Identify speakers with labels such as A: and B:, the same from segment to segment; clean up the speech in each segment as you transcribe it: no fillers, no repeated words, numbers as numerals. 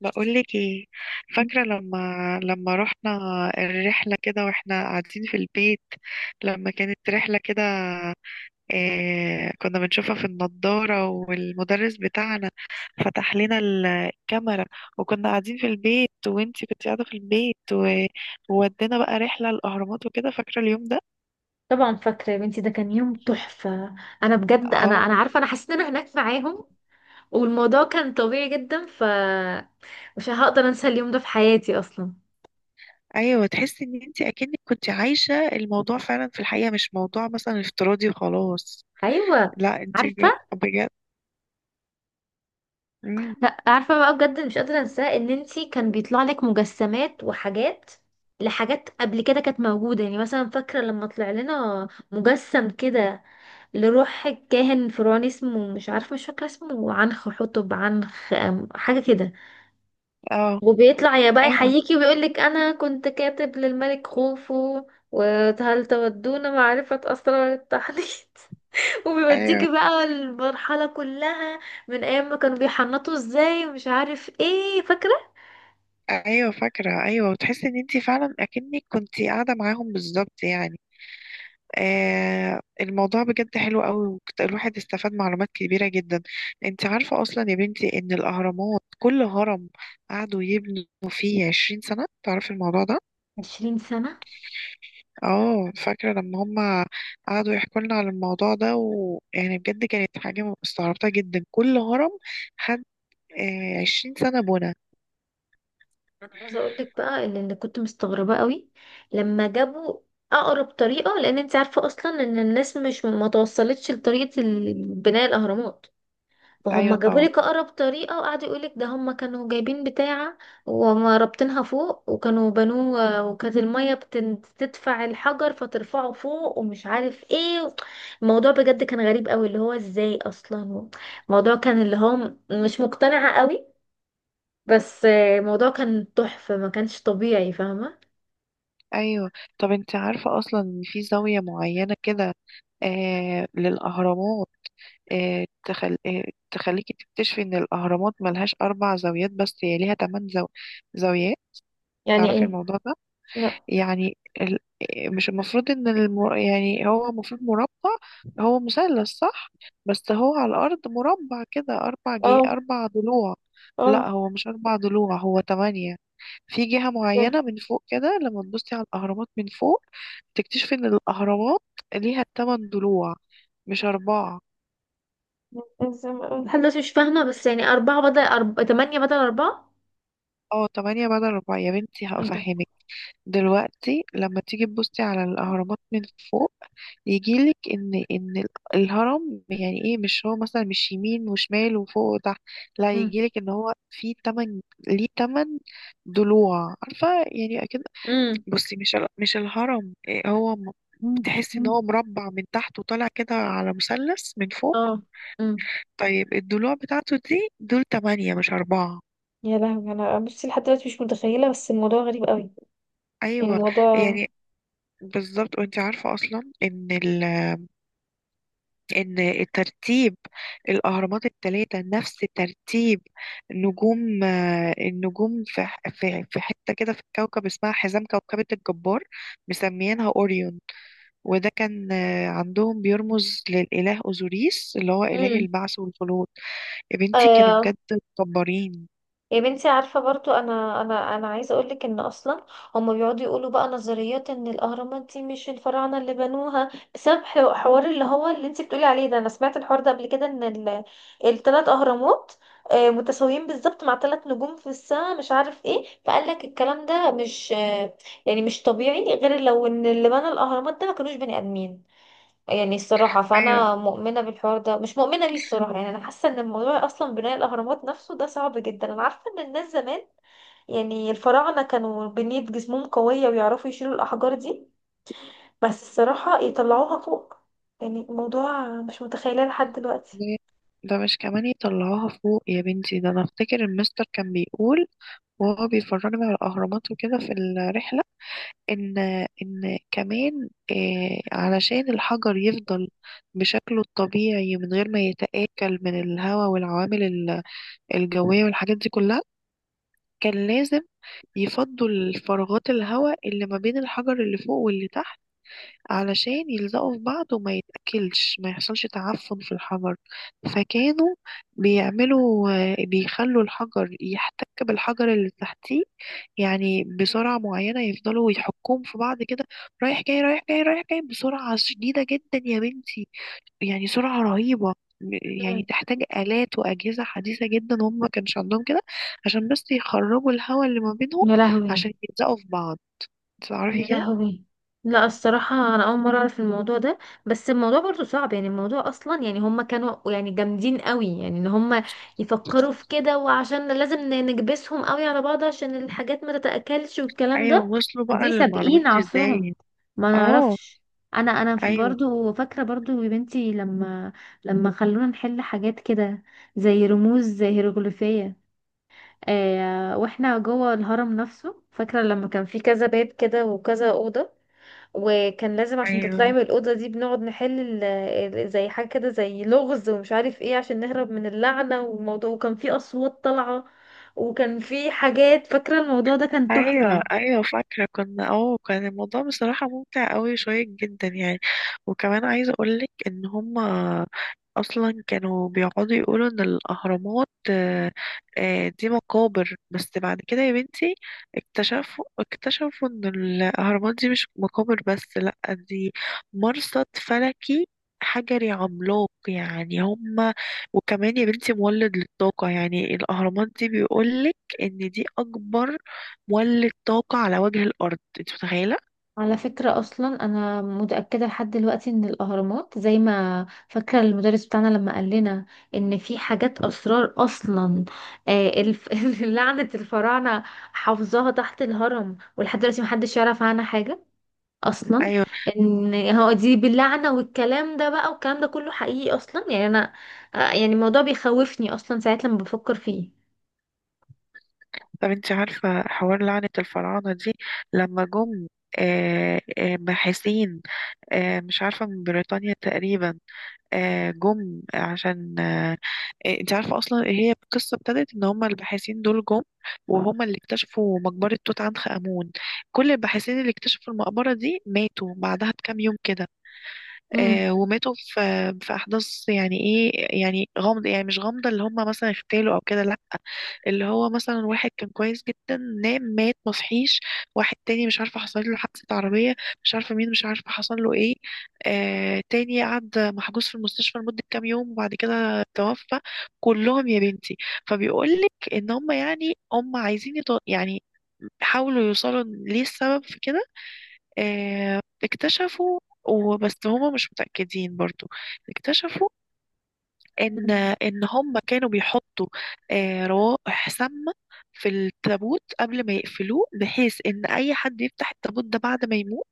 A: بقولك ايه؟ فاكرة لما رحنا الرحلة كده واحنا قاعدين في البيت؟ لما كانت رحلة كده إيه كنا بنشوفها في النضارة، والمدرس بتاعنا فتح لنا الكاميرا، وكنا قاعدين في البيت وانتي كنت قاعدة في البيت وودينا بقى رحلة الأهرامات وكده. فاكرة اليوم ده؟
B: طبعا فاكرة يا بنتي، ده كان يوم تحفة. انا بجد، انا
A: اه.
B: عارفة، انا حسيت ان انا هناك معاهم. والموضوع كان طبيعي جدا، ف مش هقدر انسى اليوم ده في حياتي اصلا.
A: ايوه، تحسي ان انتي اكنك كنت عايشة الموضوع فعلا في الحقيقة، مش موضوع مثلا افتراضي وخلاص.
B: ايوه.
A: لا انتي
B: عارفة.
A: بجد.
B: لا، عارفة بقى بجد، مش قادرة انساه، ان انتي كان بيطلع لك مجسمات وحاجات لحاجات قبل كده كانت موجودة. يعني مثلا فاكرة لما طلع لنا مجسم كده لروح كاهن فرعوني اسمه، مش عارفة، مش فاكرة اسمه، عنخ حتب عنخ حاجة كده.
A: اه.
B: وبيطلع يا بقى
A: ايوه
B: يحييكي ويقول لك انا كنت كاتب للملك خوفو، وهل تودون معرفة اسرار التحنيط؟
A: ايوه
B: وبيوديكي بقى المرحلة كلها من ايام ما كانوا بيحنطوا ازاي ومش عارف ايه. فاكرة،
A: ايوه فاكره. ايوه، وتحسي ان انت فعلا اكنك كنت قاعده معاهم بالظبط، يعني الموضوع بجد حلو قوي، الواحد استفاد معلومات كبيره جدا. انت عارفه اصلا يا بنتي ان الاهرامات كل هرم قعدوا يبنوا فيه 20 سنه؟ تعرفي الموضوع ده؟
B: 20 سنة.
A: اه فاكره لما هم قعدوا يحكوا لنا على الموضوع ده، ويعني بجد كانت حاجه استغربتها جدا. كل هرم خد عشرين سنه بنا.
B: انا عايزة اقول لك بقى ان اللي كنت مستغربة قوي لما جابوا اقرب طريقة، لان انت عارفة اصلا ان الناس مش ما توصلتش لطريقة بناء الاهرامات، فهم
A: ايوه
B: جابوا
A: طبعا.
B: لك اقرب طريقه وقعدوا يقول لك ده هم كانوا جايبين بتاعه ورابطينها فوق وكانوا بنوه، وكانت الميه بتدفع الحجر فترفعه فوق ومش عارف ايه. الموضوع بجد كان غريب قوي، اللي هو ازاي اصلا. الموضوع كان اللي هو مش مقتنعه قوي. بس الموضوع كان تحفه، ما كانش طبيعي، فاهمه؟
A: ايوه. طب انت عارفه اصلا ان في زاويه معينه كده للاهرامات، آه تخل... آه تخليكي تكتشفي ان الاهرامات ملهاش اربع زاويات، بس هي ليها تمن زاويات.
B: يعني
A: تعرفي
B: ايه؟
A: الموضوع ده؟
B: لا.
A: يعني ال... آه، مش المفروض ان يعني هو المفروض مربع. هو مثلث صح، بس هو على الارض مربع كده اربع
B: اه،
A: اربع ضلوع. لا
B: اه.
A: هو مش اربع ضلوع، هو تمانية. في جهة
B: زي-
A: معينة من فوق كده لما تبصي على الأهرامات من فوق تكتشفي إن الأهرامات ليها تمن ضلوع، مش أربعة.
B: زي ما- لحد دلوقتي مش فاهمه، بس يعني اربعه بدل تمانية بدل اربعه.
A: اه تمانية بدل أربعة يا بنتي،
B: ايه ده؟
A: هفهمك دلوقتي. لما تيجي تبصي على الأهرامات من فوق، يجيلك إن الهرم يعني إيه؟ مش هو مثلا مش يمين وشمال وفوق وتحت؟ لا يجيلك إن هو في تمن، ليه تمن ضلوع؟ عارفة يعني أكيد.
B: امم.
A: بصي مش مش الهرم إيه هو؟
B: مم.
A: تحس ان
B: مم.
A: هو مربع من تحت وطالع كده على مثلث من فوق،
B: اه. امم.
A: طيب الضلوع بتاعته دي دول تمانية مش أربعة.
B: يا لهوي، انا بصي لحد دلوقتي مش متخيله، بس الموضوع غريب قوي. يعني
A: أيوة
B: الموضوع.
A: يعني بالظبط. وانت عارفة أصلا إن إن الترتيب، الأهرامات التلاتة نفس ترتيب نجوم، النجوم في حتة كده في الكوكب اسمها حزام كوكبة الجبار، مسميينها أوريون. وده كان عندهم بيرمز للإله أوزوريس اللي هو إله البعث والخلود. يا بنتي كانوا
B: امم.
A: بجد مكبرين.
B: يا بنتي عارفة برضو أنا عايزة أقولك، إن أصلا هما بيقعدوا يقولوا بقى نظريات إن الأهرامات دي مش الفراعنة اللي بنوها بسبب حوار اللي هو اللي انتي بتقولي عليه ده. أنا سمعت الحوار ده قبل كده، إن التلات أهرامات متساويين بالظبط مع تلات نجوم في السماء مش عارف ايه. فقال لك الكلام ده مش يعني مش طبيعي غير لو إن اللي بنى الأهرامات ده ما كانوش بني آدمين. يعني الصراحة
A: ايوه.
B: فأنا مؤمنة بالحوار ده، مش مؤمنة بيه الصراحة، يعني أنا حاسة إن الموضوع أصلا بناء الأهرامات نفسه ده صعب جدا. أنا عارفة إن الناس زمان، يعني الفراعنة، كانوا بنية جسمهم قوية ويعرفوا يشيلوا الأحجار دي، بس الصراحة يطلعوها فوق. يعني الموضوع مش متخيلة لحد دلوقتي.
A: ده ده مش كمان يطلعوها فوق يا بنتي، ده انا افتكر المستر كان بيقول وهو بيفرجنا على الاهرامات وكده في الرحله، ان ان كمان علشان الحجر يفضل بشكله الطبيعي من غير ما يتاكل من الهواء والعوامل الجويه والحاجات دي كلها، كان لازم يفضوا الفراغات الهواء اللي ما بين الحجر اللي فوق واللي تحت، علشان يلزقوا في بعض وما يتأكلش، ما يحصلش تعفن في الحجر. فكانوا بيعملوا، بيخلوا الحجر يحتك بالحجر اللي تحتيه، يعني بسرعة معينة يفضلوا يحكوهم في بعض كده، رايح جاي رايح جاي رايح جاي بسرعة شديدة جدا يا بنتي، يعني سرعة رهيبة. يعني
B: مم.
A: تحتاج آلات وأجهزة حديثة جدا، وهم ما كانش عندهم كده عشان بس يخرجوا الهواء اللي ما بينهم
B: يا لهوي.
A: عشان يلزقوا في بعض.
B: يا
A: تعرفي كده؟
B: لهوي. لا، الصراحة أنا أول مرة أعرف الموضوع ده، بس الموضوع برضو صعب. يعني الموضوع أصلا، يعني هما كانوا يعني جامدين قوي، يعني إن هما يفكروا في كده، وعشان لازم نكبسهم قوي على بعض عشان الحاجات ما تتأكلش والكلام
A: ايوه،
B: ده.
A: وصلوا بقى
B: دي
A: للمعلومات
B: سابقين
A: دي
B: عصرهم.
A: ازاي.
B: ما
A: اه.
B: نعرفش. أنا
A: ايوه
B: برضو فاكرة، برضو يا بنتي، لما خلونا نحل حاجات كده زي رموز هيروغليفية واحنا جوه الهرم نفسه. فاكرة لما كان في كذا باب كده وكذا أوضة، وكان لازم عشان
A: ايوه
B: تطلعي من الأوضة دي بنقعد نحل زي حاجة كده زي لغز ومش عارف ايه عشان نهرب من اللعنة والموضوع. وكان في أصوات طالعة وكان في حاجات. فاكرة الموضوع ده كان
A: ايوه
B: تحفة.
A: ايوه فاكره كنا اه، كان الموضوع بصراحه ممتع قوي شويه جدا يعني. وكمان عايزه اقولك ان هما اصلا كانوا بيقعدوا يقولوا ان الاهرامات دي مقابر بس، بعد كده يا بنتي اكتشفوا ان الاهرامات دي مش مقابر بس، لا دي مرصد فلكي حجري عملاق. يعني هما، وكمان يا بنتي مولد للطاقة. يعني الأهرامات دي بيقولك إن دي أكبر ولت طاقة على وجه الأرض، انت متخيلة؟
B: على فكرة أصلا أنا متأكدة لحد دلوقتي إن الأهرامات، زي ما فاكرة المدرس بتاعنا لما قال لنا إن في حاجات أسرار أصلا، آه الف... لعنة الفراعنة حافظاها تحت الهرم ولحد دلوقتي محدش يعرف عنها حاجة اصلا.
A: أيوة.
B: ان هو دي باللعنه والكلام ده بقى والكلام ده كله حقيقي اصلا، يعني انا يعني الموضوع بيخوفني اصلا ساعات لما بفكر فيه.
A: طب انت عارفة حوار لعنة الفراعنة دي؟ لما جم باحثين، مش عارفة من بريطانيا تقريبا، جم عشان انت عارفة أصلا هي القصة ابتدت إن هما الباحثين دول جم، وهما اللي اكتشفوا مقبرة توت عنخ آمون. كل الباحثين اللي اكتشفوا المقبرة دي ماتوا بعدها بكام يوم كده.
B: امم.
A: وماتوا في احداث يعني ايه، يعني غامضه، يعني مش غامضه اللي هم مثلا اغتالوا او كده، لا، اللي هو مثلا واحد كان كويس جدا نام مات مصحيش، واحد تاني مش عارفه حصل له حادثه عربيه، مش عارفه مين، مش عارفه حصل له ايه، آه تاني قعد محجوز في المستشفى لمده كام يوم وبعد كده توفى. كلهم يا بنتي. فبيقول لك ان هم يعني هم عايزين يعني حاولوا يوصلوا ليه السبب في كده. اكتشفوا، وبس هما مش متأكدين برضو، اكتشفوا ان
B: مم.
A: هما كانوا بيحطوا روائح سامة في التابوت قبل ما يقفلوه، بحيث ان اي حد يفتح التابوت ده بعد ما يموت،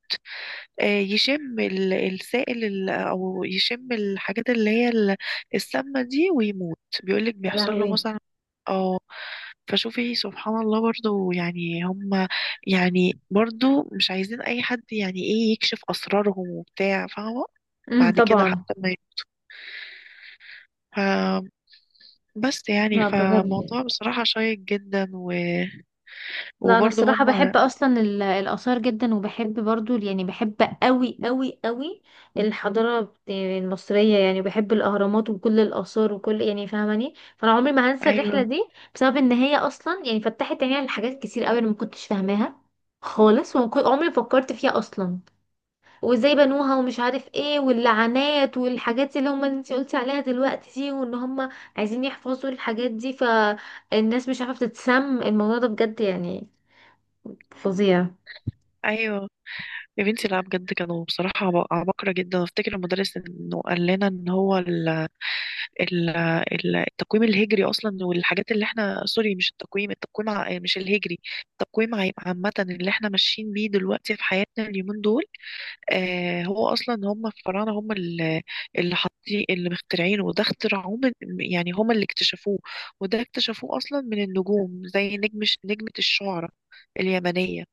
A: يشم السائل او يشم الحاجات اللي هي السامه دي ويموت. بيقولك
B: يا
A: بيحصل له
B: لهوي.
A: مثلا. اه. فشوفي سبحان الله برضو، يعني هم، يعني برضو مش عايزين اي حد يعني ايه يكشف اسرارهم وبتاع، فاهمه؟
B: امم.
A: بعد كده
B: طبعا.
A: حتى ما ي- ف بس يعني
B: لا بجد.
A: فموضوع بصراحه شيق جدا
B: لا، انا
A: وبرضو
B: الصراحه
A: هم.
B: بحب اصلا الاثار جدا، وبحب برضو، يعني بحب قوي قوي قوي الحضاره المصريه. يعني بحب الاهرامات وكل الاثار وكل يعني، فاهماني؟ فانا عمري ما هنسى الرحله
A: ايوه.
B: دي بسبب ان هي اصلا يعني فتحت عيني على حاجات كتير قوي انا ما كنتش فاهماها خالص، عمري ما فكرت فيها اصلا، وازاي بنوها ومش عارف ايه واللعنات والحاجات اللي هم انت قلتي عليها دلوقتي دي، وان هم عايزين يحفظوا الحاجات دي فالناس مش عارفه تتسم. الموضوع ده بجد يعني فظيع.
A: ايوه يا بنتي، لا بجد كانوا بصراحه عباقره جدا. افتكر المدرس انه قال لنا ان هو ال- التقويم الهجري اصلا والحاجات اللي احنا، سوري مش التقويم، التقويم مش الهجري، التقويم عامة اللي احنا ماشيين بيه دلوقتي في حياتنا اليومين دول، آه هو اصلا هم الفراعنة هم اللي حاطين اللي مخترعينه، وده اخترعوه من، يعني هم اللي اكتشفوه، وده اكتشفوه اصلا من النجوم زي نجمة الشعرى اليمنية.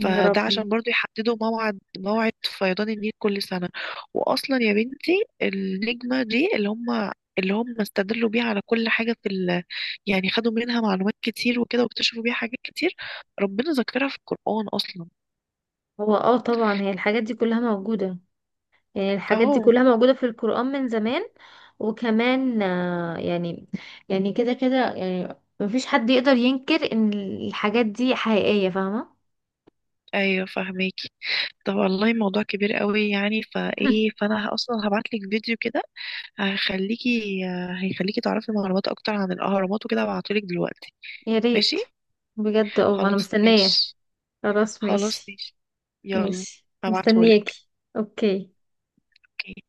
B: يا
A: فده
B: ربي.
A: عشان برضو يحددوا موعد موعد فيضان النيل كل سنة. وأصلا يا بنتي النجمة دي اللي هم استدلوا بيها على كل حاجة في يعني خدوا منها معلومات كتير وكده، واكتشفوا بيها حاجات كتير. ربنا ذكرها في القرآن أصلا.
B: هو طبعا هي الحاجات دي كلها موجودة، يعني الحاجات دي
A: أهو.
B: كلها موجودة في القرآن من زمان. وكمان يعني كده كده يعني مفيش حد يقدر ينكر ان الحاجات دي حقيقية، فاهمة؟
A: أيوة فهميكي. طب والله موضوع كبير قوي يعني، فإيه، فأنا أصلا هبعتلك فيديو كده هيخليكي هيخليكي تعرفي معلومات أكتر عن الأهرامات وكده. هبعتهولك دلوقتي،
B: يا
A: ماشي؟
B: ريت. بجد، انا
A: خلاص
B: مستنية.
A: ماشي.
B: خلاص
A: خلاص
B: ماشي.
A: ماشي. يلا
B: ماشي
A: هبعتهولك.
B: مستنياكي. اوكي.
A: اوكي.